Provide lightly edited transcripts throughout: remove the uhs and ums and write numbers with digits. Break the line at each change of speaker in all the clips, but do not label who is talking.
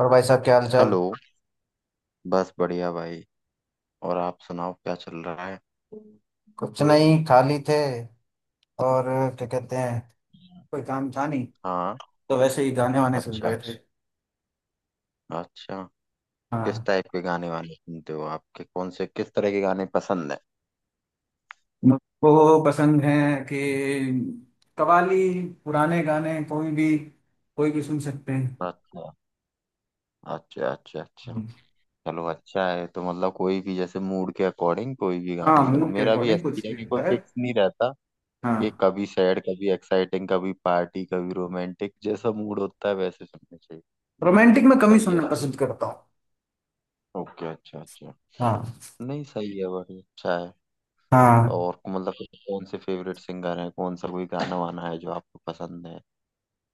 और भाई साहब क्या हाल चाल।
हेलो। बस बढ़िया भाई। और आप सुनाओ, क्या चल रहा है?
कुछ नहीं, खाली थे और क्या कहते हैं, कोई काम था नहीं
हाँ।
तो वैसे ही गाने वाने सुन
अच्छा।
रहे थे।
अच्छा। किस
हाँ,
टाइप के गाने वाने सुनते हो, आपके कौन से किस तरह के गाने पसंद है?
मुझको पसंद है कि कवाली, पुराने गाने, कोई भी, कोई भी सुन सकते हैं।
अच्छा अच्छा अच्छा। अच्छा, चलो अच्छा है। तो मतलब कोई भी, जैसे मूड के अकॉर्डिंग कोई भी
हाँ,
गाने सुनो।
मूड के
मेरा भी
अकॉर्डिंग
ऐसा ही
कुछ
है
भी
कि कोई
होता है।
फिक्स नहीं रहता। कि
हाँ,
कभी सैड, कभी एक्साइटिंग, कभी पार्टी, कभी रोमांटिक, जैसा मूड होता है वैसे सुनने चाहिए।
रोमांटिक में कम ही
सही है
सुनना
सही है।
पसंद करता हूँ।
ओके अच्छा अच्छा।
हाँ।
नहीं सही है, बढ़िया अच्छा है।
हाँ।
और मतलब कि कौन से फेवरेट सिंगर हैं, कौन सा कोई गाना वाना है जो आपको पसंद है?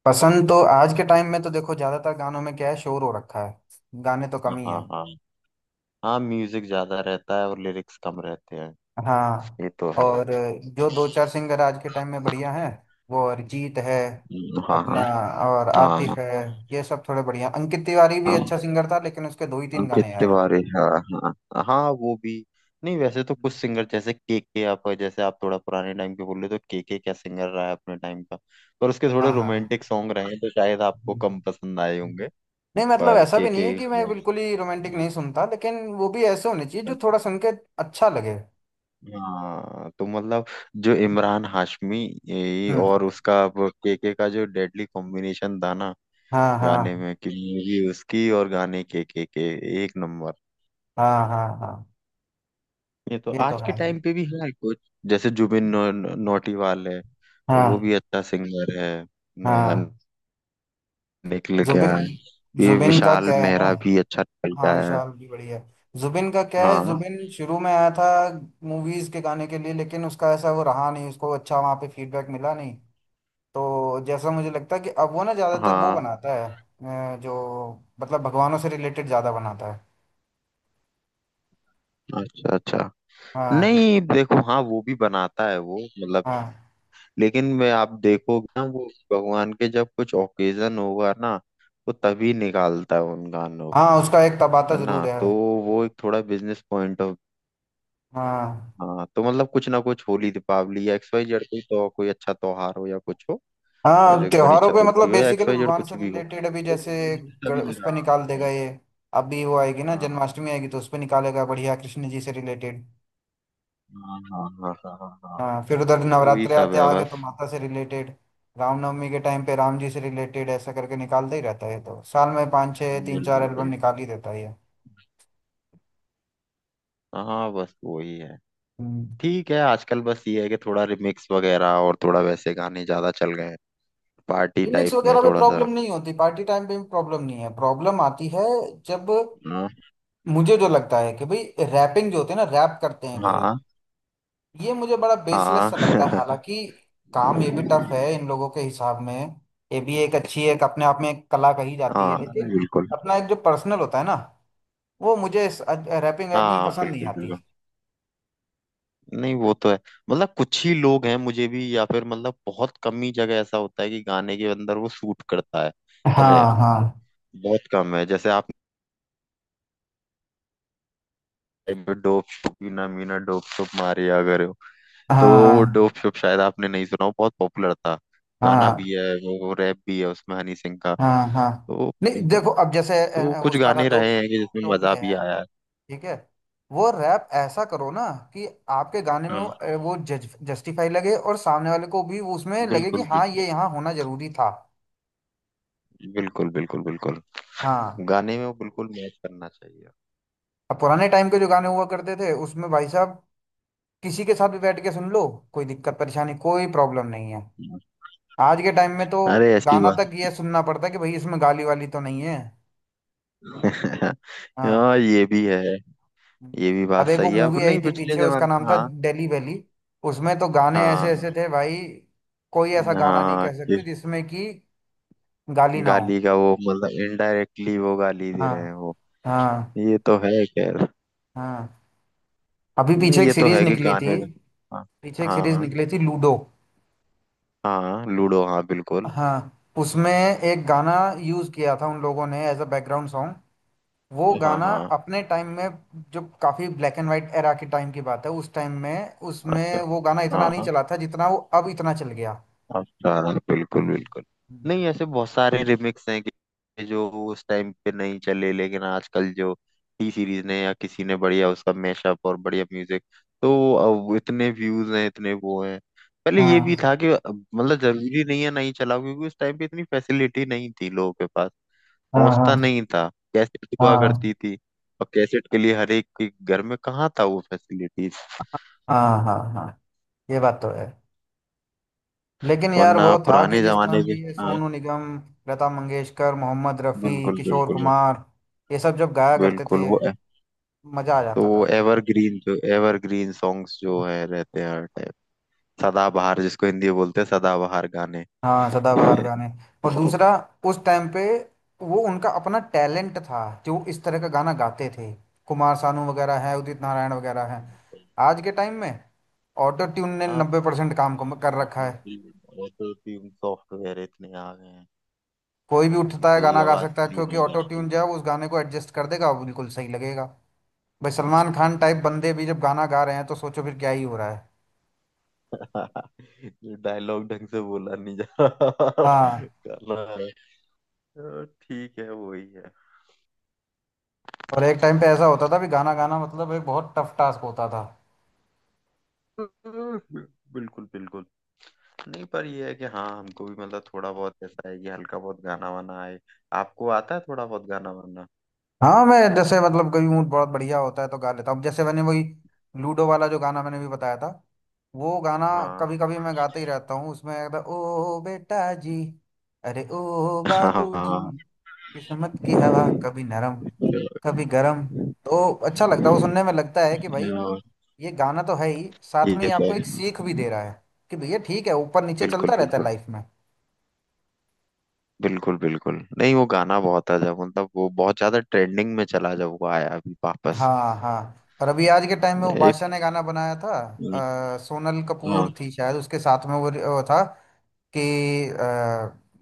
पसंद तो आज के टाइम में तो देखो, ज्यादातर गानों में क्या है, शोर हो रखा है। गाने तो कम ही है।
हाँ हाँ। हाँ म्यूजिक ज्यादा रहता है और लिरिक्स कम रहते हैं।
हाँ।
ये तो है।
और जो दो चार सिंगर आज के टाइम में बढ़िया हैं, वो अरिजीत है
हाँ
अपना,
हाँ
और
हाँ।
आतिफ है। ये सब थोड़े बढ़िया। अंकित तिवारी भी
हाँ
अच्छा सिंगर था, लेकिन उसके दो ही तीन
अंकित
गाने आए।
तिवारी। हाँ हाँ हाँ, वो भी। नहीं वैसे तो कुछ सिंगर जैसे के, आप जैसे आप थोड़ा पुराने टाइम के बोल रहे हो, तो के क्या सिंगर रहा है अपने टाइम का। पर उसके
हाँ
थोड़े
हाँ।
रोमांटिक सॉन्ग रहे हैं तो शायद आपको
हम्म,
कम पसंद आए
हम्म।
होंगे।
नहीं, मतलब
पर
ऐसा
के
भी नहीं
के।
है कि मैं बिल्कुल ही रोमांटिक नहीं सुनता, लेकिन वो भी ऐसे होने चाहिए जो थोड़ा सुन के अच्छा लगे।
हाँ तो मतलब जो इमरान हाशमी, ये
हम्म।
और उसका केके का जो डेडली कॉम्बिनेशन था ना,
हाँ
गाने
हाँ
में कि मूवी उसकी और गाने केके के, एक नंबर।
हाँ। हाँ हाँ।
ये तो
ये तो
आज के
है।
टाइम पे भी है कुछ। जैसे जुबिन नौ, नौ- नौटियाल है, तो वो
हाँ
भी अच्छा सिंगर है। नया
हाँ।
निकल गया
जुबिन।
है। ये
जुबिन का
विशाल
क्या है ना।
मेहरा भी अच्छा निकल
हाँ,
गया है।
विशाल भी बढ़िया है। जुबिन का क्या है,
हाँ
जुबिन शुरू में आया था मूवीज के गाने के लिए, लेकिन उसका ऐसा वो रहा नहीं, उसको अच्छा वहाँ पे फीडबैक मिला नहीं। तो जैसा मुझे लगता है कि अब वो ना ज्यादातर वो
हाँ।
बनाता है जो, मतलब भगवानों से रिलेटेड ज्यादा बनाता है।
अच्छा अच्छा।
हाँ।
नहीं देखो, हाँ वो भी बनाता है, वो मतलब,
हाँ,
लेकिन मैं, आप देखोगे ना, वो भगवान के जब कुछ ओकेजन होगा ना, वो तभी निकालता है उन गानों को।
हाँ उसका एक तबाता
है
जरूर
ना
है।
तो वो एक थोड़ा बिजनेस पॉइंट ऑफ।
हाँ,
हाँ तो मतलब कुछ ना कुछ होली, दीपावली या एक्स वाई जेड, कोई तो कोई अच्छा त्योहार हो या कुछ हो।
हाँ
जो गणेश
त्योहारों पे,
चतुर्थी
मतलब
हो या एक्स
बेसिकली
वाई जेड
भगवान
कुछ
से
भी हो,
रिलेटेड। अभी
तो
जैसे
उन्होंने तभी
उस पर निकाल
निकालते
देगा
हैं।
ये। अभी वो आएगी ना,
हाँ
जन्माष्टमी आएगी तो उस पर निकालेगा बढ़िया, कृष्ण जी से रिलेटेड।
हाँ हाँ हाँ हाँ हाँ हाँ। हाँ।
हाँ, फिर उधर
तो वही
नवरात्रे
सब
आते
है
आगे तो
बस।
माता से रिलेटेड, रामनवमी के टाइम पे राम जी से रिलेटेड, ऐसा करके निकालता ही रहता है। तो साल में पाँच छः तीन चार
बिल्कुल
एल्बम
बिल्कुल।
निकाल ही देता है ये।
हाँ बस वही है।
हम्म।
ठीक है। आजकल बस ये है कि थोड़ा रिमिक्स वगैरह और थोड़ा वैसे गाने ज्यादा चल गए हैं, पार्टी
रिमिक्स
टाइप में
वगैरह में
थोड़ा सा।
प्रॉब्लम नहीं होती, पार्टी टाइम पे भी प्रॉब्लम नहीं है। प्रॉब्लम आती है जब,
हाँ।
मुझे जो लगता है कि भाई, रैपिंग जो होती है ना, रैप करते हैं जो ये
हाँ।
ये मुझे बड़ा बेसलेस
हाँ
सा लगता है। हालांकि काम ये भी टफ है इन लोगों के हिसाब में, ये भी एक अच्छी, एक अपने आप में एक कला कही जाती
हाँ
है, लेकिन
बिल्कुल।
अपना एक जो पर्सनल होता है ना, वो मुझे रैपिंग रैपिंग
हाँ
पसंद नहीं
बिल्कुल
आती।
बिल्कुल। नहीं वो तो है, मतलब कुछ ही लोग हैं, मुझे भी, या फिर मतलब बहुत कम ही जगह ऐसा होता है कि गाने के अंदर वो सूट करता है, रैप।
हाँ हाँ
बहुत कम है। जैसे आप, dope shop, Meena Meena dope shop Maria अगर हो, तो
हाँ
वो
हाँ
डोप शोप शायद आपने नहीं सुना हो, बहुत पॉपुलर था। गाना
हाँ
भी है, वो रैप भी है उसमें हनी सिंह का।
हाँ हाँ।
तो
नहीं देखो, अब जैसे
तो कुछ
उसका था
गाने
डोप।
रहे हैं कि जिसमें
डोप में
मजा भी
है,
आया है।
ठीक है। वो रैप ऐसा करो ना कि आपके गाने में वो
हाँ
वो जस्टिफाई लगे, और सामने वाले को भी वो उसमें लगे कि
बिल्कुल
हाँ,
बिल्कुल।
ये यहाँ होना जरूरी था।
बिल्कुल बिल्कुल बिल्कुल।
हाँ।
गाने में वो बिल्कुल मैच करना चाहिए।
अब पुराने टाइम के जो गाने हुआ करते थे उसमें, भाई साहब, किसी के साथ भी बैठ के सुन लो, कोई दिक्कत परेशानी, कोई प्रॉब्लम नहीं है। आज के टाइम में तो
अरे ऐसी
गाना
बात।
तक ये सुनना पड़ता है कि भाई, इसमें गाली वाली तो नहीं है। हाँ।
हाँ ये भी है। ये भी बात
अब एक वो
सही है। अब
मूवी आई
नहीं,
थी
पिछले
पीछे, उसका
जमाने।
नाम था
हाँ।
दिल्ली वैली। उसमें तो गाने ऐसे
हाँ
ऐसे थे भाई, कोई ऐसा गाना नहीं
हाँ।
कह
कि
सकते जिसमें कि गाली ना हो।
गाली का वो मतलब इनडायरेक्टली वो गाली दे
हाँ
रहे हैं वो।
हाँ।
ये तो है खैर।
हाँ। अभी पीछे
नहीं
एक
ये तो
सीरीज
है कि
निकली थी,
गाने का। हाँ।
पीछे एक सीरीज
हाँ।
निकली थी लूडो।
हाँ लूडो, हाँ बिल्कुल।
हाँ, उसमें एक गाना यूज किया था उन लोगों ने एज अ बैकग्राउंड सॉन्ग। वो
हाँ
गाना
हाँ।
अपने टाइम में, जो काफी ब्लैक एंड वाइट एरा के टाइम की बात है, उस टाइम में
अच्छा।
उसमें वो गाना इतना नहीं
हाँ।
चला था जितना वो अब इतना चल गया।
अच्छा। बिल्कुल
हम्म।
बिल्कुल।
हम्म।
नहीं ऐसे बहुत सारे रिमिक्स हैं, कि जो उस टाइम पे नहीं चले लेकिन आजकल जो टी सीरीज ने या किसी ने बढ़िया उसका मैशअप और बढ़िया म्यूजिक, तो अब इतने व्यूज हैं, इतने वो हैं। पहले ये भी
हाँ
था कि अब मतलब जरूरी नहीं है, नहीं चलाओ, क्योंकि उस टाइम पे इतनी फैसिलिटी नहीं थी लोगों के पास।
हाँ
पहुंचता
हाँ
नहीं था। कैसेट हुआ
हाँ
करती थी, और कैसेट के लिए हर एक के घर में कहाँ था वो फैसिलिटीज।
हाँ हाँ हाँ। ये बात तो है, लेकिन यार
वरना
वो था कि
पुराने
जिस टाइम
जमाने
पे
के,
ये
हाँ
सोनू निगम, लता मंगेशकर, मोहम्मद रफ़ी,
बिल्कुल
किशोर
बिल्कुल।
कुमार, ये सब जब गाया करते
बिल्कुल
थे,
वो।
मजा आ
तो
जाता
वो
था।
एवरग्रीन, जो एवरग्रीन सॉन्ग्स जो है, रहते हैं हर टाइम। सदाबहार, जिसको हिंदी में बोलते हैं, सदाबहार गाने।
हाँ, सदाबहार गाने। और दूसरा, उस टाइम पे वो उनका अपना टैलेंट था जो वो इस तरह का गाना गाते थे। कुमार सानू वगैरह हैं, उदित नारायण वगैरह हैं। आज के टाइम में ऑटो ट्यून ने
आप,
90% काम कर रखा
ऑटो
है।
ट्यून, ऑटो ट्यून सॉफ्टवेयर इतने आ गए हैं
कोई भी
कि उसी
उठता है
से ही
गाना गा
आवाज
सकता है,
क्लीन
क्योंकि
हो
ऑटो
जाती
ट्यून जो
है।
है वो उस गाने को एडजस्ट कर देगा, वो बिल्कुल सही लगेगा। भाई, सलमान खान
बिल्कुल।
टाइप बंदे भी जब गाना गा रहे हैं, तो सोचो फिर क्या ही हो रहा है।
ये डायलॉग ढंग से बोला नहीं जा रहा,
हाँ।
गाना है। ठीक है, वही है।
और एक टाइम पे ऐसा होता था भी, गाना गाना मतलब एक बहुत टफ टास्क होता था।
अ, बिल्कुल बिल्कुल। नहीं पर ये है कि हाँ हमको भी, मतलब थोड़ा बहुत ऐसा है कि हल्का बहुत गाना वाना आए। आपको आता है थोड़ा बहुत गाना वाना?
हाँ, मैं जैसे, मतलब कभी मूड बहुत बढ़िया होता है तो गा लेता हूँ। जैसे मैंने वही लूडो वाला जो गाना मैंने भी बताया था, वो गाना
हाँ।
कभी कभी मैं गाते ही रहता हूँ, उसमें कहता ओ बेटा जी, अरे ओ बाबू जी,
हाँ।
किस्मत की हवा कभी नरम कभी गरम। तो अच्छा लगता है वो सुनने में, लगता है कि भाई, ये गाना तो है ही, साथ में
ये
ये
है।
आपको एक सीख भी दे रहा है कि भैया ठीक है, ऊपर नीचे
बिल्कुल
चलता रहता है
बिल्कुल।
लाइफ में।
बिल्कुल बिल्कुल। नहीं वो गाना बहुत है, जब मतलब वो बहुत ज्यादा ट्रेंडिंग में चला जब वो आया अभी वापस।
हाँ। हाँ। और अभी आज के टाइम में वो
एक।
बादशाह ने गाना बनाया था, सोनल
हाँ।
कपूर थी शायद उसके साथ में, वो था कि अ,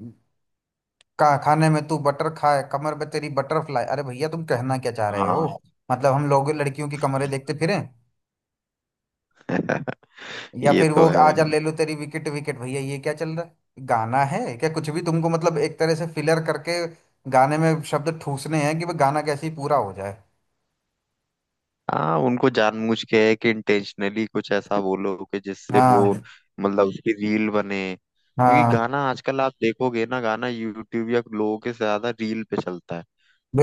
का खाने में तू बटर खाए, कमर पे तेरी बटरफ्लाई। अरे भैया, तुम कहना क्या चाह रहे हो,
हाँ
मतलब हम लोग लड़कियों की कमरे देखते फिरें, या
ये
फिर
तो
वो
है।
आजा ले लो तेरी विकेट विकेट। भैया, ये क्या चल रहा है गाना है क्या, कुछ भी, तुमको मतलब एक तरह से फिलर करके गाने में शब्द ठूसने हैं कि वो गाना कैसे ही पूरा हो जाए।
हाँ उनको जानबूझ के है कि इंटेंशनली कुछ ऐसा बोलो कि जिससे वो,
हाँ
मतलब उसकी रील बने, क्योंकि
हाँ।
गाना आजकल आप देखोगे ना, गाना यूट्यूब या लोगों के ज्यादा रील पे चलता है।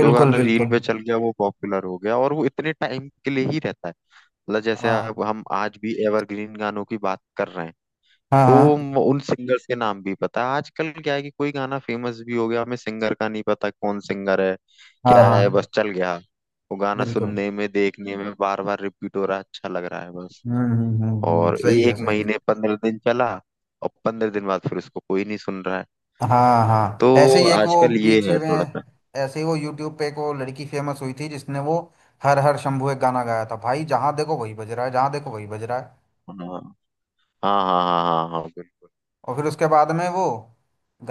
जो गाना रील
बिल्कुल।
पे चल गया वो पॉपुलर हो गया, और वो इतने टाइम के लिए ही रहता है। मतलब जैसे आप,
हाँ
हम आज भी एवरग्रीन गानों की बात कर रहे हैं,
हाँ
तो
हाँ
उन सिंगर्स के नाम भी पता है। आजकल क्या है कि कोई गाना फेमस भी हो गया, हमें सिंगर का नहीं पता कौन सिंगर है।
हाँ
क्या है,
हाँ।
बस चल गया, वो गाना
बिल्कुल।
सुनने में देखने में बार बार रिपीट हो रहा है, अच्छा लग रहा है बस। और
सही है
एक
सही है।
महीने 15 दिन चला, और 15 दिन बाद फिर उसको कोई नहीं सुन रहा है।
हाँ
तो
हाँ, ऐसे ही एक वो
आजकल ये
बीच
है
में,
थोड़ा सा।
ऐसे ही वो यूट्यूब पे एक वो लड़की फेमस हुई थी जिसने वो हर हर शंभू एक गाना गाया था, भाई जहाँ देखो वही बज रहा है, जहाँ देखो वही बज रहा है।
हाँ हाँ हाँ हाँ हाँ हाँ बिल्कुल।
और फिर उसके बाद में वो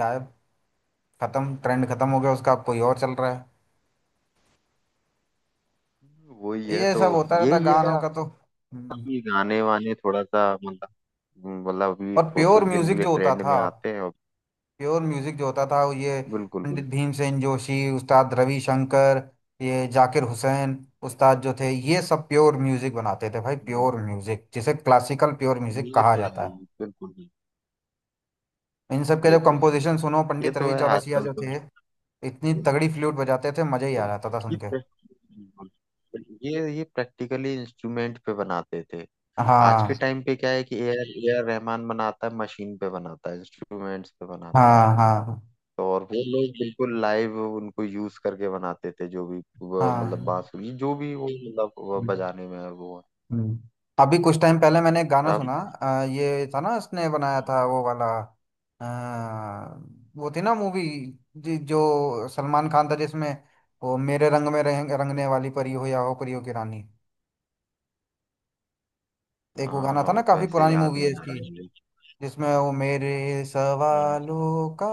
गायब, खत्म, ट्रेंड खत्म हो गया उसका, अब कोई और चल रहा है।
वही है
ये
तो।
सब होता रहता
यही है
गानों का तो। हम्म।
कि गाने वाने थोड़ा सा मतलब, मतलब अभी
और
थोड़ा
प्योर
कुछ दिन के
म्यूजिक
लिए
जो होता
ट्रेंड में
था,
आते हैं और,
प्योर म्यूजिक जो होता था वो ये
बिल्कुल
पंडित भीमसेन जोशी, उस्ताद रविशंकर, ये जाकिर हुसैन उस्ताद जो थे, ये सब प्योर म्यूजिक बनाते थे भाई,
बिल्कुल।
प्योर म्यूजिक, जिसे क्लासिकल प्योर म्यूजिक
ये
कहा
तो
जाता
है, ये
है।
बिल्कुल भी।
इन सब के
ये
जब
तो है,
कंपोजिशन सुनो,
ये
पंडित
तो
रवि
है
चौरसिया
आजकल
जो
तो।
थे, इतनी तगड़ी फ्लूट बजाते थे, मजा ही आ
बिल्कुल।
जाता था
ये
सुन के।
प्रैक्टिकल, ये प्रैक्टिकली इंस्ट्रूमेंट पे बनाते थे। आज के
हाँ
टाइम पे क्या है कि ए आर रहमान बनाता है, मशीन पे बनाता है, इंस्ट्रूमेंट्स पे बनाता है।
हाँ हाँ
तो, और वो लोग बिल्कुल लाइव उनको यूज करके बनाते थे, जो भी वो, मतलब
हाँ।
बांसुरी, जो भी वो मतलब वो बजाने में है वो।
हम्म। अभी कुछ टाइम पहले मैंने एक गाना
अब।
सुना, ये था ना, इसने बनाया था वो वाला, अ, वो थी ना मूवी जो सलमान खान था जिसमें, वो मेरे रंग में रंग, रंगने वाली परी हो या हो परियों की रानी। एक वो गाना
हाँ,
था ना, काफी
वैसे
पुरानी
याद
मूवी है
नहीं आ
इसकी,
रहा है
जिसमें वो मेरे
मुझे।
सवालों का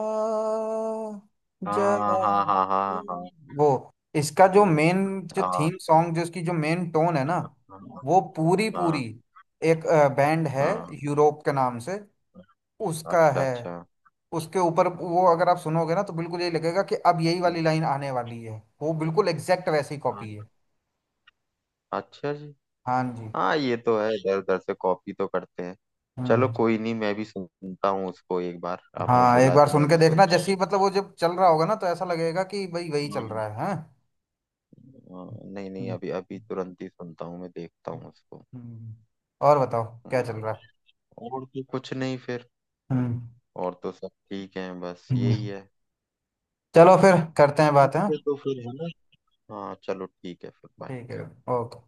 हाँ
जवाब
हाँ हाँ
दे।
हाँ। हाँ।
वो इसका जो
हम्म।
मेन, जो
हाँ।
थीम सॉन्ग जो इसकी, जो मेन टोन है ना,
हाँ।
वो पूरी पूरी
हाँ।
एक बैंड है
हाँ।
यूरोप के नाम से, उसका
अच्छा
है।
अच्छा।
उसके ऊपर वो, अगर आप सुनोगे ना, तो बिल्कुल यही लगेगा कि अब यही वाली लाइन आने वाली है, वो बिल्कुल एग्जैक्ट वैसी
हाँ,
कॉपी है।
अच्छा जी।
हाँ जी।
हाँ, ये तो है, इधर उधर से कॉपी तो करते हैं। चलो
हम्म।
कोई नहीं, मैं भी सुनता हूँ उसको एक बार, आपने
हाँ,
बोला
एक
है
बार
तो
सुन
मैं
के
भी
देखना,
सुनता
जैसे
हूँ।
ही मतलब वो जब चल रहा होगा ना तो ऐसा लगेगा कि भाई वही चल
हम्म।
रहा है। हाँ।
हाँ, नहीं नहीं,
हम्म।
अभी अभी तुरंत ही सुनता हूँ मैं, देखता हूँ उसको।
हम्म। और बताओ क्या चल
हम्म।
रहा है।
और तो कुछ नहीं फिर,
हम्म।
और तो सब ठीक है, बस
हम्म।
यही है।
चलो फिर करते हैं बात है।
ठीक है तो फिर है ना। हाँ चलो ठीक है, फिर बाय।
ठीक है। ओके।